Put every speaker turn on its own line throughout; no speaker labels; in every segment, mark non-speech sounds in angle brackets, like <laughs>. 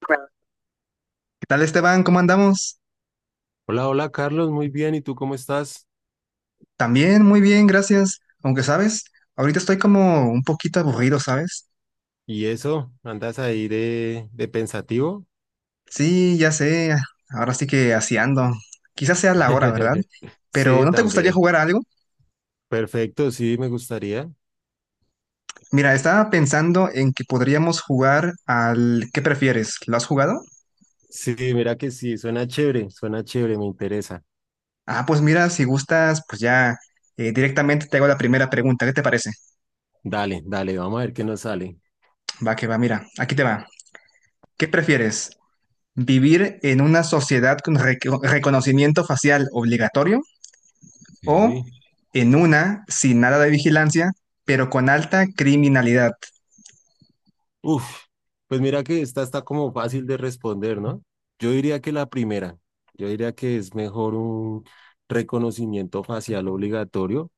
¿Qué tal, Esteban? ¿Cómo andamos?
Hola, hola Carlos, muy bien. ¿Y tú cómo estás?
También, muy bien, gracias. Aunque, ¿sabes? Ahorita estoy como un poquito aburrido, ¿sabes?
¿Y eso? ¿Andas ahí de pensativo?
Sí, ya sé. Ahora sí que así ando. Quizás sea la hora, ¿verdad?
<laughs>
Pero
Sí,
¿no te gustaría
también.
jugar a algo?
Perfecto, sí, me gustaría.
Mira, estaba pensando en que podríamos jugar al ¿qué prefieres? ¿Lo has jugado?
Sí, mira que sí, suena chévere, me interesa.
Ah, pues mira, si gustas, pues ya directamente te hago la primera pregunta. ¿Qué te parece?
Dale, dale, vamos a ver qué nos sale.
Va que va, mira, aquí te va. ¿Qué prefieres? ¿Vivir en una sociedad con reconocimiento facial obligatorio o
Sí.
en una sin nada de vigilancia, pero con alta criminalidad?
Uf, pues mira que esta está como fácil de responder, ¿no? Yo diría que la primera, yo diría que es mejor un reconocimiento facial obligatorio,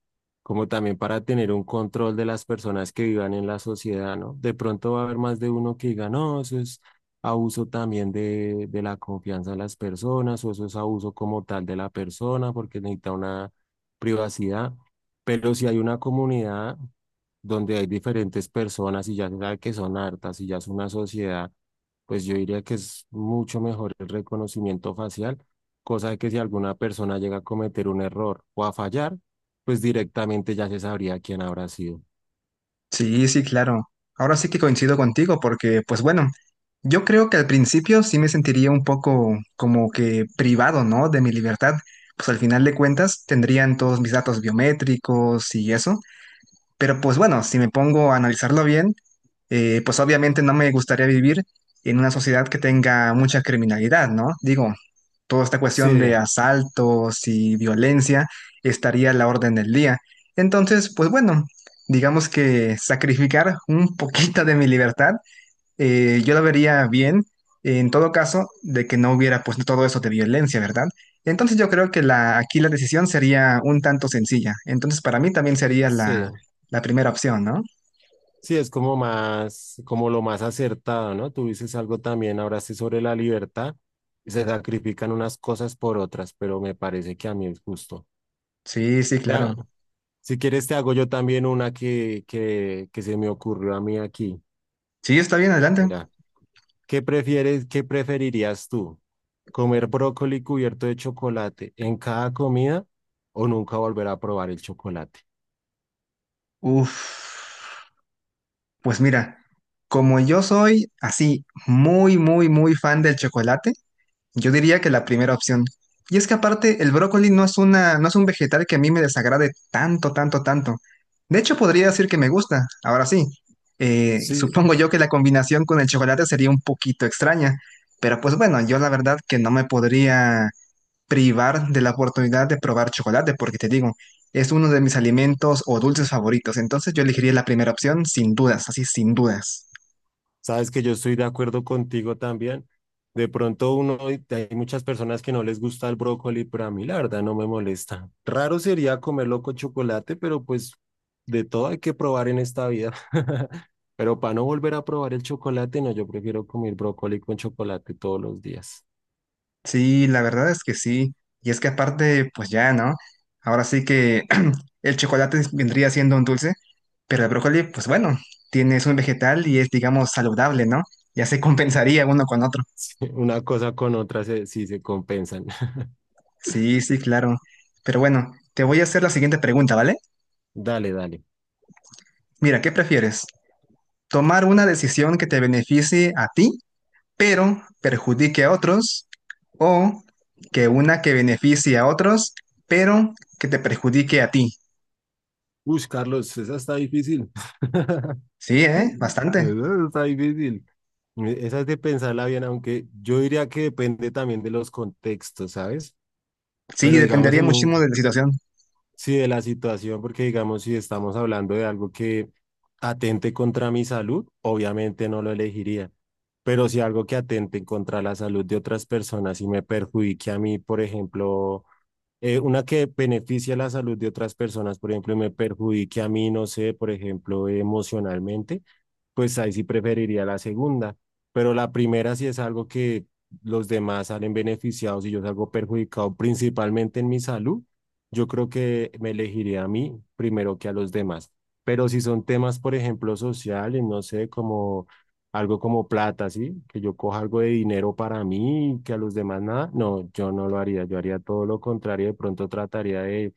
como también para tener un control de las personas que vivan en la sociedad, ¿no? De pronto va a haber más de uno que diga, no, eso es abuso también de la confianza de las personas, o eso es abuso como tal de la persona, porque necesita una privacidad. Pero si hay una comunidad donde hay diferentes personas y ya se sabe que son hartas y ya es una sociedad, pues yo diría que es mucho mejor el reconocimiento facial, cosa de que si alguna persona llega a cometer un error o a fallar, pues directamente ya se sabría quién habrá sido.
Sí, sí, claro. Ahora sí que coincido contigo porque, pues bueno, yo creo que al principio sí me sentiría un poco como que privado, ¿no? De mi libertad. Pues al final de cuentas tendrían todos mis datos biométricos y eso. Pero pues bueno, si me pongo a analizarlo bien, pues obviamente no me gustaría vivir en una sociedad que tenga mucha criminalidad, ¿no? Digo, toda esta cuestión
Sí,
de asaltos y violencia estaría a la orden del día. Entonces, pues bueno, digamos que sacrificar un poquito de mi libertad yo la vería bien en todo caso de que no hubiera pues todo eso de violencia, ¿verdad? Entonces yo creo que la, aquí la decisión sería un tanto sencilla. Entonces para mí también sería la,
sí,
la primera opción, ¿no?
sí, es como más, como lo más acertado, ¿no? Tú dices algo también, ahora sí sobre la libertad, se sacrifican unas cosas por otras, pero me parece que a mí es justo.
Sí, sí, claro.
Si quieres, te hago yo también una que se me ocurrió a mí aquí.
Sí, está bien, adelante.
Mira, ¿qué prefieres, qué preferirías tú? ¿Comer brócoli cubierto de chocolate en cada comida o nunca volver a probar el chocolate?
Uf, pues mira, como yo soy así muy, muy, muy fan del chocolate, yo diría que la primera opción. Y es que aparte el brócoli no es una, no es un vegetal que a mí me desagrade tanto, tanto, tanto. De hecho, podría decir que me gusta. Ahora sí, <laughs>
Sí.
supongo yo que la combinación con el chocolate sería un poquito extraña. Pero pues bueno, yo la verdad que no me podría privar de la oportunidad de probar chocolate, porque te digo, es uno de mis alimentos o dulces favoritos. Entonces yo elegiría la primera opción sin dudas, así sin dudas.
Sabes que yo estoy de acuerdo contigo también. De pronto uno, hay muchas personas que no les gusta el brócoli, pero a mí la verdad no me molesta. Raro sería comerlo con chocolate, pero pues de todo hay que probar en esta vida. <laughs> Pero para no volver a probar el chocolate, no, yo prefiero comer brócoli con chocolate todos los días. <laughs>
Sí, la verdad es que sí. Y es que aparte, pues ya, ¿no? Ahora sí que <clears throat> el vendría siendo un dulce, pero el brócoli, pues bueno, tienes un vegetal y es, digamos, saludable, ¿no? Ya se <laughs> compensaría uno con otro.
Sí, una cosa con otra se, sí se compensan. <laughs>
Sí, sí, claro. Pero bueno, te voy a hacer la siguiente pregunta, ¿vale?
Dale, dale.
Mira, ¿qué prefieres? ¿Tomar una decisión que te beneficie a ti, pero perjudique a otros? ¿O que una que beneficie a otros, pero que te perjudique a ti?
Uy, Carlos, esa está difícil. <laughs>
Sí, ¿eh? Bastante.
Esa está difícil. Esa es de pensarla bien, aunque yo diría que depende también de los contextos, ¿sabes?
Sí,
Pero digamos
dependería
en
muchísimo
un,
de la situación.
sí, de la situación, porque digamos si estamos hablando de algo que atente contra mi salud, obviamente no lo elegiría. Pero si algo que atente contra la salud de otras personas y me perjudique a mí, por ejemplo, una que beneficia la salud de otras personas, por ejemplo, y me perjudique a mí, no sé, por ejemplo, emocionalmente, pues ahí sí preferiría la segunda, pero la primera sí es algo que los demás salen beneficiados y yo salgo perjudicado principalmente en mi salud, yo creo que me elegiría a mí primero que a los demás. Pero si son temas, por ejemplo, sociales, no sé, como algo como plata, ¿sí? Que yo coja algo de dinero para mí y que a los demás nada, no, yo no lo haría, yo haría todo lo contrario, de pronto trataría de,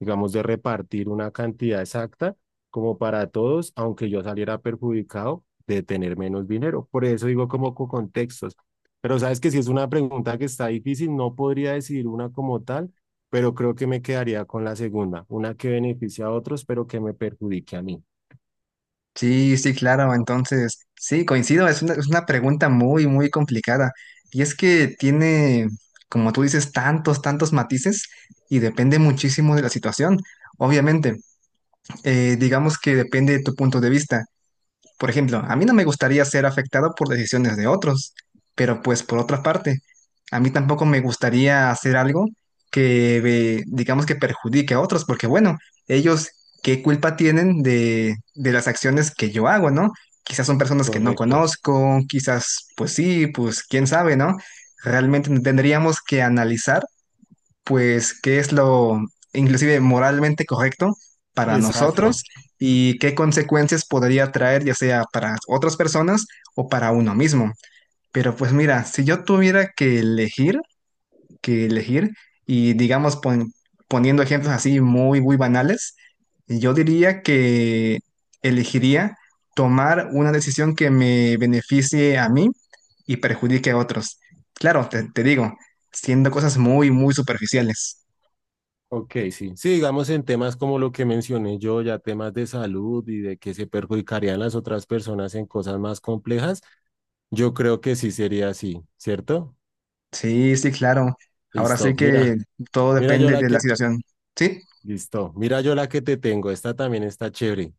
digamos, de repartir una cantidad exacta como para todos, aunque yo saliera perjudicado de tener menos dinero. Por eso digo como con contextos. Pero sabes que si es una pregunta que está difícil, no podría decidir una como tal, pero creo que me quedaría con la segunda, una que beneficia a otros, pero que me perjudique a mí.
Sí, sí, claro. Entonces, sí, coincido. Es una pregunta muy, muy complicada. Y es que tiene, como tú dices, tantos, tantos matices y depende muchísimo de la situación. Obviamente, digamos que depende de tu punto de vista. Por ejemplo, a mí no me gustaría ser afectado por decisiones de otros, pero pues por otra parte, a mí tampoco me gustaría hacer algo que, digamos que perjudique a otros, porque bueno, ellos qué culpa tienen de las acciones que yo hago, ¿no? Quizás son personas que no
Correcto.
conozco, quizás pues sí, pues quién sabe, ¿no? Realmente tendríamos que analizar pues qué es lo inclusive moralmente correcto para nosotros
Exacto.
y qué consecuencias podría traer ya sea para otras personas o para uno mismo. Pero pues mira, si yo tuviera que elegir y digamos poniendo ejemplos así muy, muy banales, yo diría que elegiría tomar una decisión que me beneficie a mí y perjudique a otros. Claro, te digo, siendo cosas muy, muy superficiales.
Ok, sí. Sí, digamos en temas como lo que mencioné yo, ya temas de salud y de que se perjudicarían las otras personas en cosas más complejas, yo creo que sí sería así, ¿cierto?
Sí, sí, claro. Ahora sí
Listo,
que
mira,
todo
mira yo
depende
la
de la
que,
situación. ¿Sí?
listo, mira yo la que te tengo, esta también está chévere.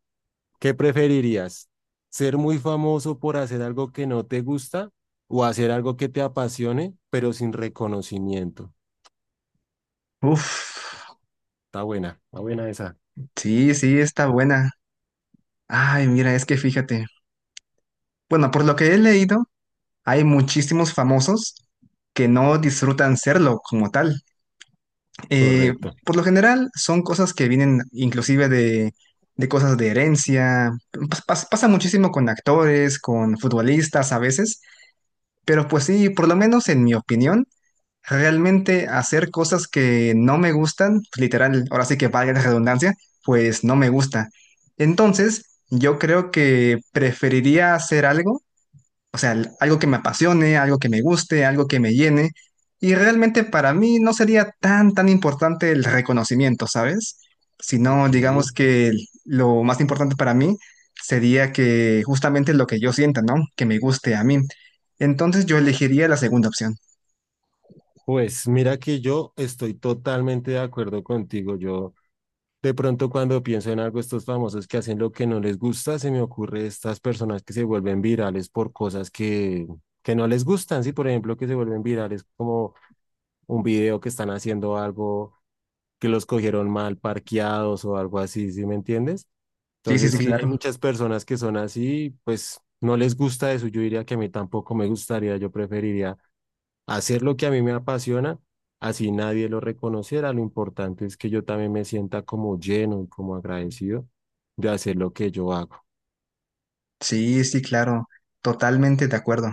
¿Qué preferirías? ¿Ser muy famoso por hacer algo que no te gusta o hacer algo que te apasione, pero sin reconocimiento?
Uf,
Está buena esa.
sí, sí, está buena. Ay, mira, es que fíjate. Bueno, por lo que he leído, hay muchísimos famosos que no disfrutan serlo como tal. Eh,
Correcto.
por lo general, son cosas que vienen inclusive de cosas de herencia. Pasa muchísimo con actores, con futbolistas a veces. Pero pues sí, por lo menos en mi opinión. Realmente hacer cosas que no me gustan, literal, ahora sí que valga la redundancia, pues no me gusta. Entonces, yo creo que preferiría hacer algo, o sea, algo que me apasione, algo que me guste, algo que me llene. Y realmente para mí no sería tan, tan importante el reconocimiento, ¿sabes? Sino,
Ok.
digamos que lo más importante para mí sería que justamente lo que yo sienta, ¿no? Que me guste a mí. Entonces, yo elegiría la segunda opción.
Pues mira que yo estoy totalmente de acuerdo contigo. Yo, de pronto cuando pienso en algo, estos famosos que hacen lo que no les gusta, se me ocurre estas personas que se vuelven virales por cosas que no les gustan, sí, por ejemplo, que se vuelven virales como un video que están haciendo algo que los cogieron mal parqueados o algo así, ¿sí me entiendes?
Sí, sí,
Entonces
sí,
sí, hay
claro.
muchas personas que son así, pues no les gusta eso, yo diría que a mí tampoco me gustaría, yo preferiría hacer lo que a mí me apasiona, así nadie lo reconociera. Lo importante es que yo también me sienta como lleno y como agradecido de hacer lo que yo hago.
Sí, sí, claro, totalmente de acuerdo.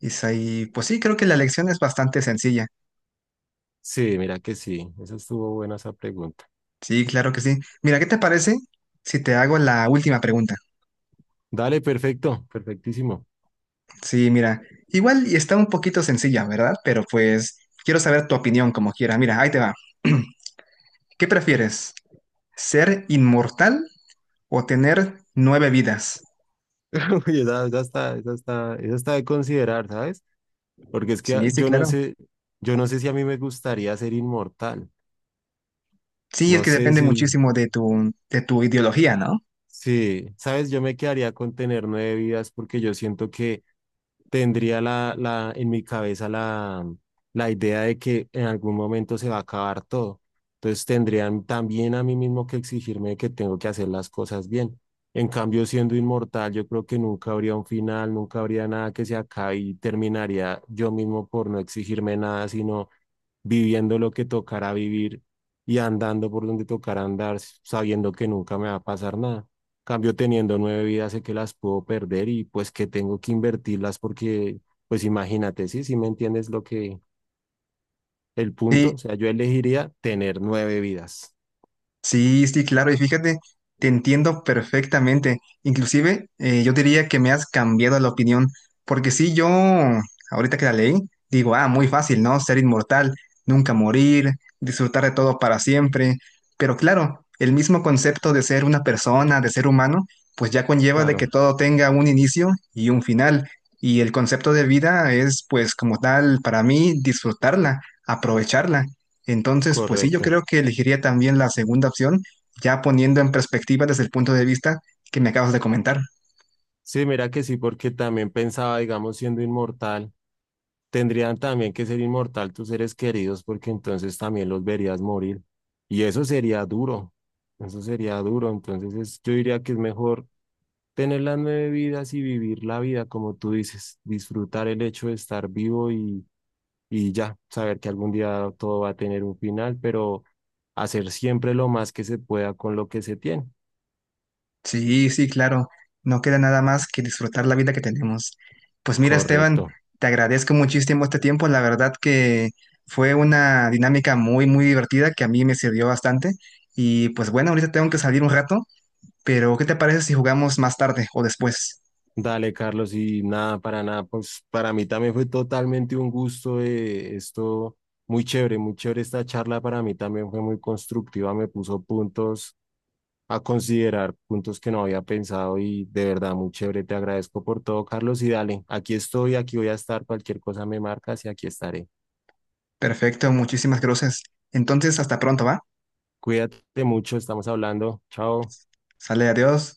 Isaí, pues sí, creo que la lección es bastante sencilla.
Sí, mira que sí, esa estuvo buena esa pregunta.
Sí, claro que sí. Mira, ¿qué te parece si te hago la última pregunta?
Dale, perfecto, perfectísimo.
Sí, mira, igual y está un poquito sencilla, ¿verdad? Pero pues quiero saber tu opinión como quiera. Mira, ahí te va. <clears throat> ¿Qué prefieres? ¿Ser inmortal o tener nueve vidas?
<laughs> Uy, esa está, esa está, esa está de considerar, ¿sabes? Porque es que ah,
Sí, sí, claro.
yo no sé si a mí me gustaría ser inmortal.
Sí, es
No
que
sé
depende
si,
muchísimo de tu ideología, ¿no?
sí, sabes, yo me quedaría con tener nueve vidas porque yo siento que tendría en mi cabeza la idea de que en algún momento se va a acabar todo. Entonces tendrían también a mí mismo que exigirme que tengo que hacer las cosas bien. En cambio, siendo inmortal, yo creo que nunca habría un final, nunca habría nada que se acabe y terminaría yo mismo por no exigirme nada, sino viviendo lo que tocará vivir y andando por donde tocará andar, sabiendo que nunca me va a pasar nada. Cambio teniendo nueve vidas, sé que las puedo perder y pues que tengo que invertirlas porque, pues imagínate, sí, sí me entiendes lo que, el punto,
Sí.
o sea, yo elegiría tener nueve vidas.
Sí, sí, claro, y fíjate, te entiendo perfectamente. Inclusive, yo diría que me has cambiado la opinión, porque sí, yo, ahorita que la leí, digo, ah, muy fácil, ¿no? Ser inmortal, nunca morir, disfrutar de todo para siempre. Pero claro, el mismo concepto de ser una persona, de ser humano, pues ya conlleva de que
Claro,
todo tenga un inicio y un final. Y el concepto de vida es, pues, como tal, para mí, disfrutarla, aprovecharla. Entonces, pues sí, yo
correcto.
creo que elegiría también la segunda opción, ya poniendo en perspectiva desde el punto de vista que me acabas de comentar.
Sí, mira que sí, porque también pensaba, digamos, siendo inmortal, tendrían también que ser inmortal tus seres queridos, porque entonces también los verías morir. Y eso sería duro, eso sería duro. Entonces yo diría que es mejor tener las nueve vidas y vivir la vida, como tú dices, disfrutar el hecho de estar vivo y ya, saber que algún día todo va a tener un final, pero hacer siempre lo más que se pueda con lo que se tiene.
Sí, sí, claro, no queda nada más que disfrutar la vida que tenemos. Pues mira, Esteban,
Correcto.
te agradezco muchísimo este tiempo, la verdad que fue una dinámica muy, muy divertida que a mí me sirvió bastante. Y pues bueno, ahorita tengo que salir un rato, pero ¿qué te parece si jugamos más tarde o después?
Dale, Carlos, y nada, para nada, pues para mí también fue totalmente un gusto, esto, muy chévere esta charla, para mí también fue muy constructiva, me puso puntos a considerar, puntos que no había pensado y de verdad muy chévere, te agradezco por todo, Carlos, y dale, aquí estoy, aquí voy a estar, cualquier cosa me marcas y aquí estaré.
Perfecto, muchísimas gracias. Entonces, hasta pronto, ¿va?
Cuídate mucho, estamos hablando, chao.
Sale, adiós.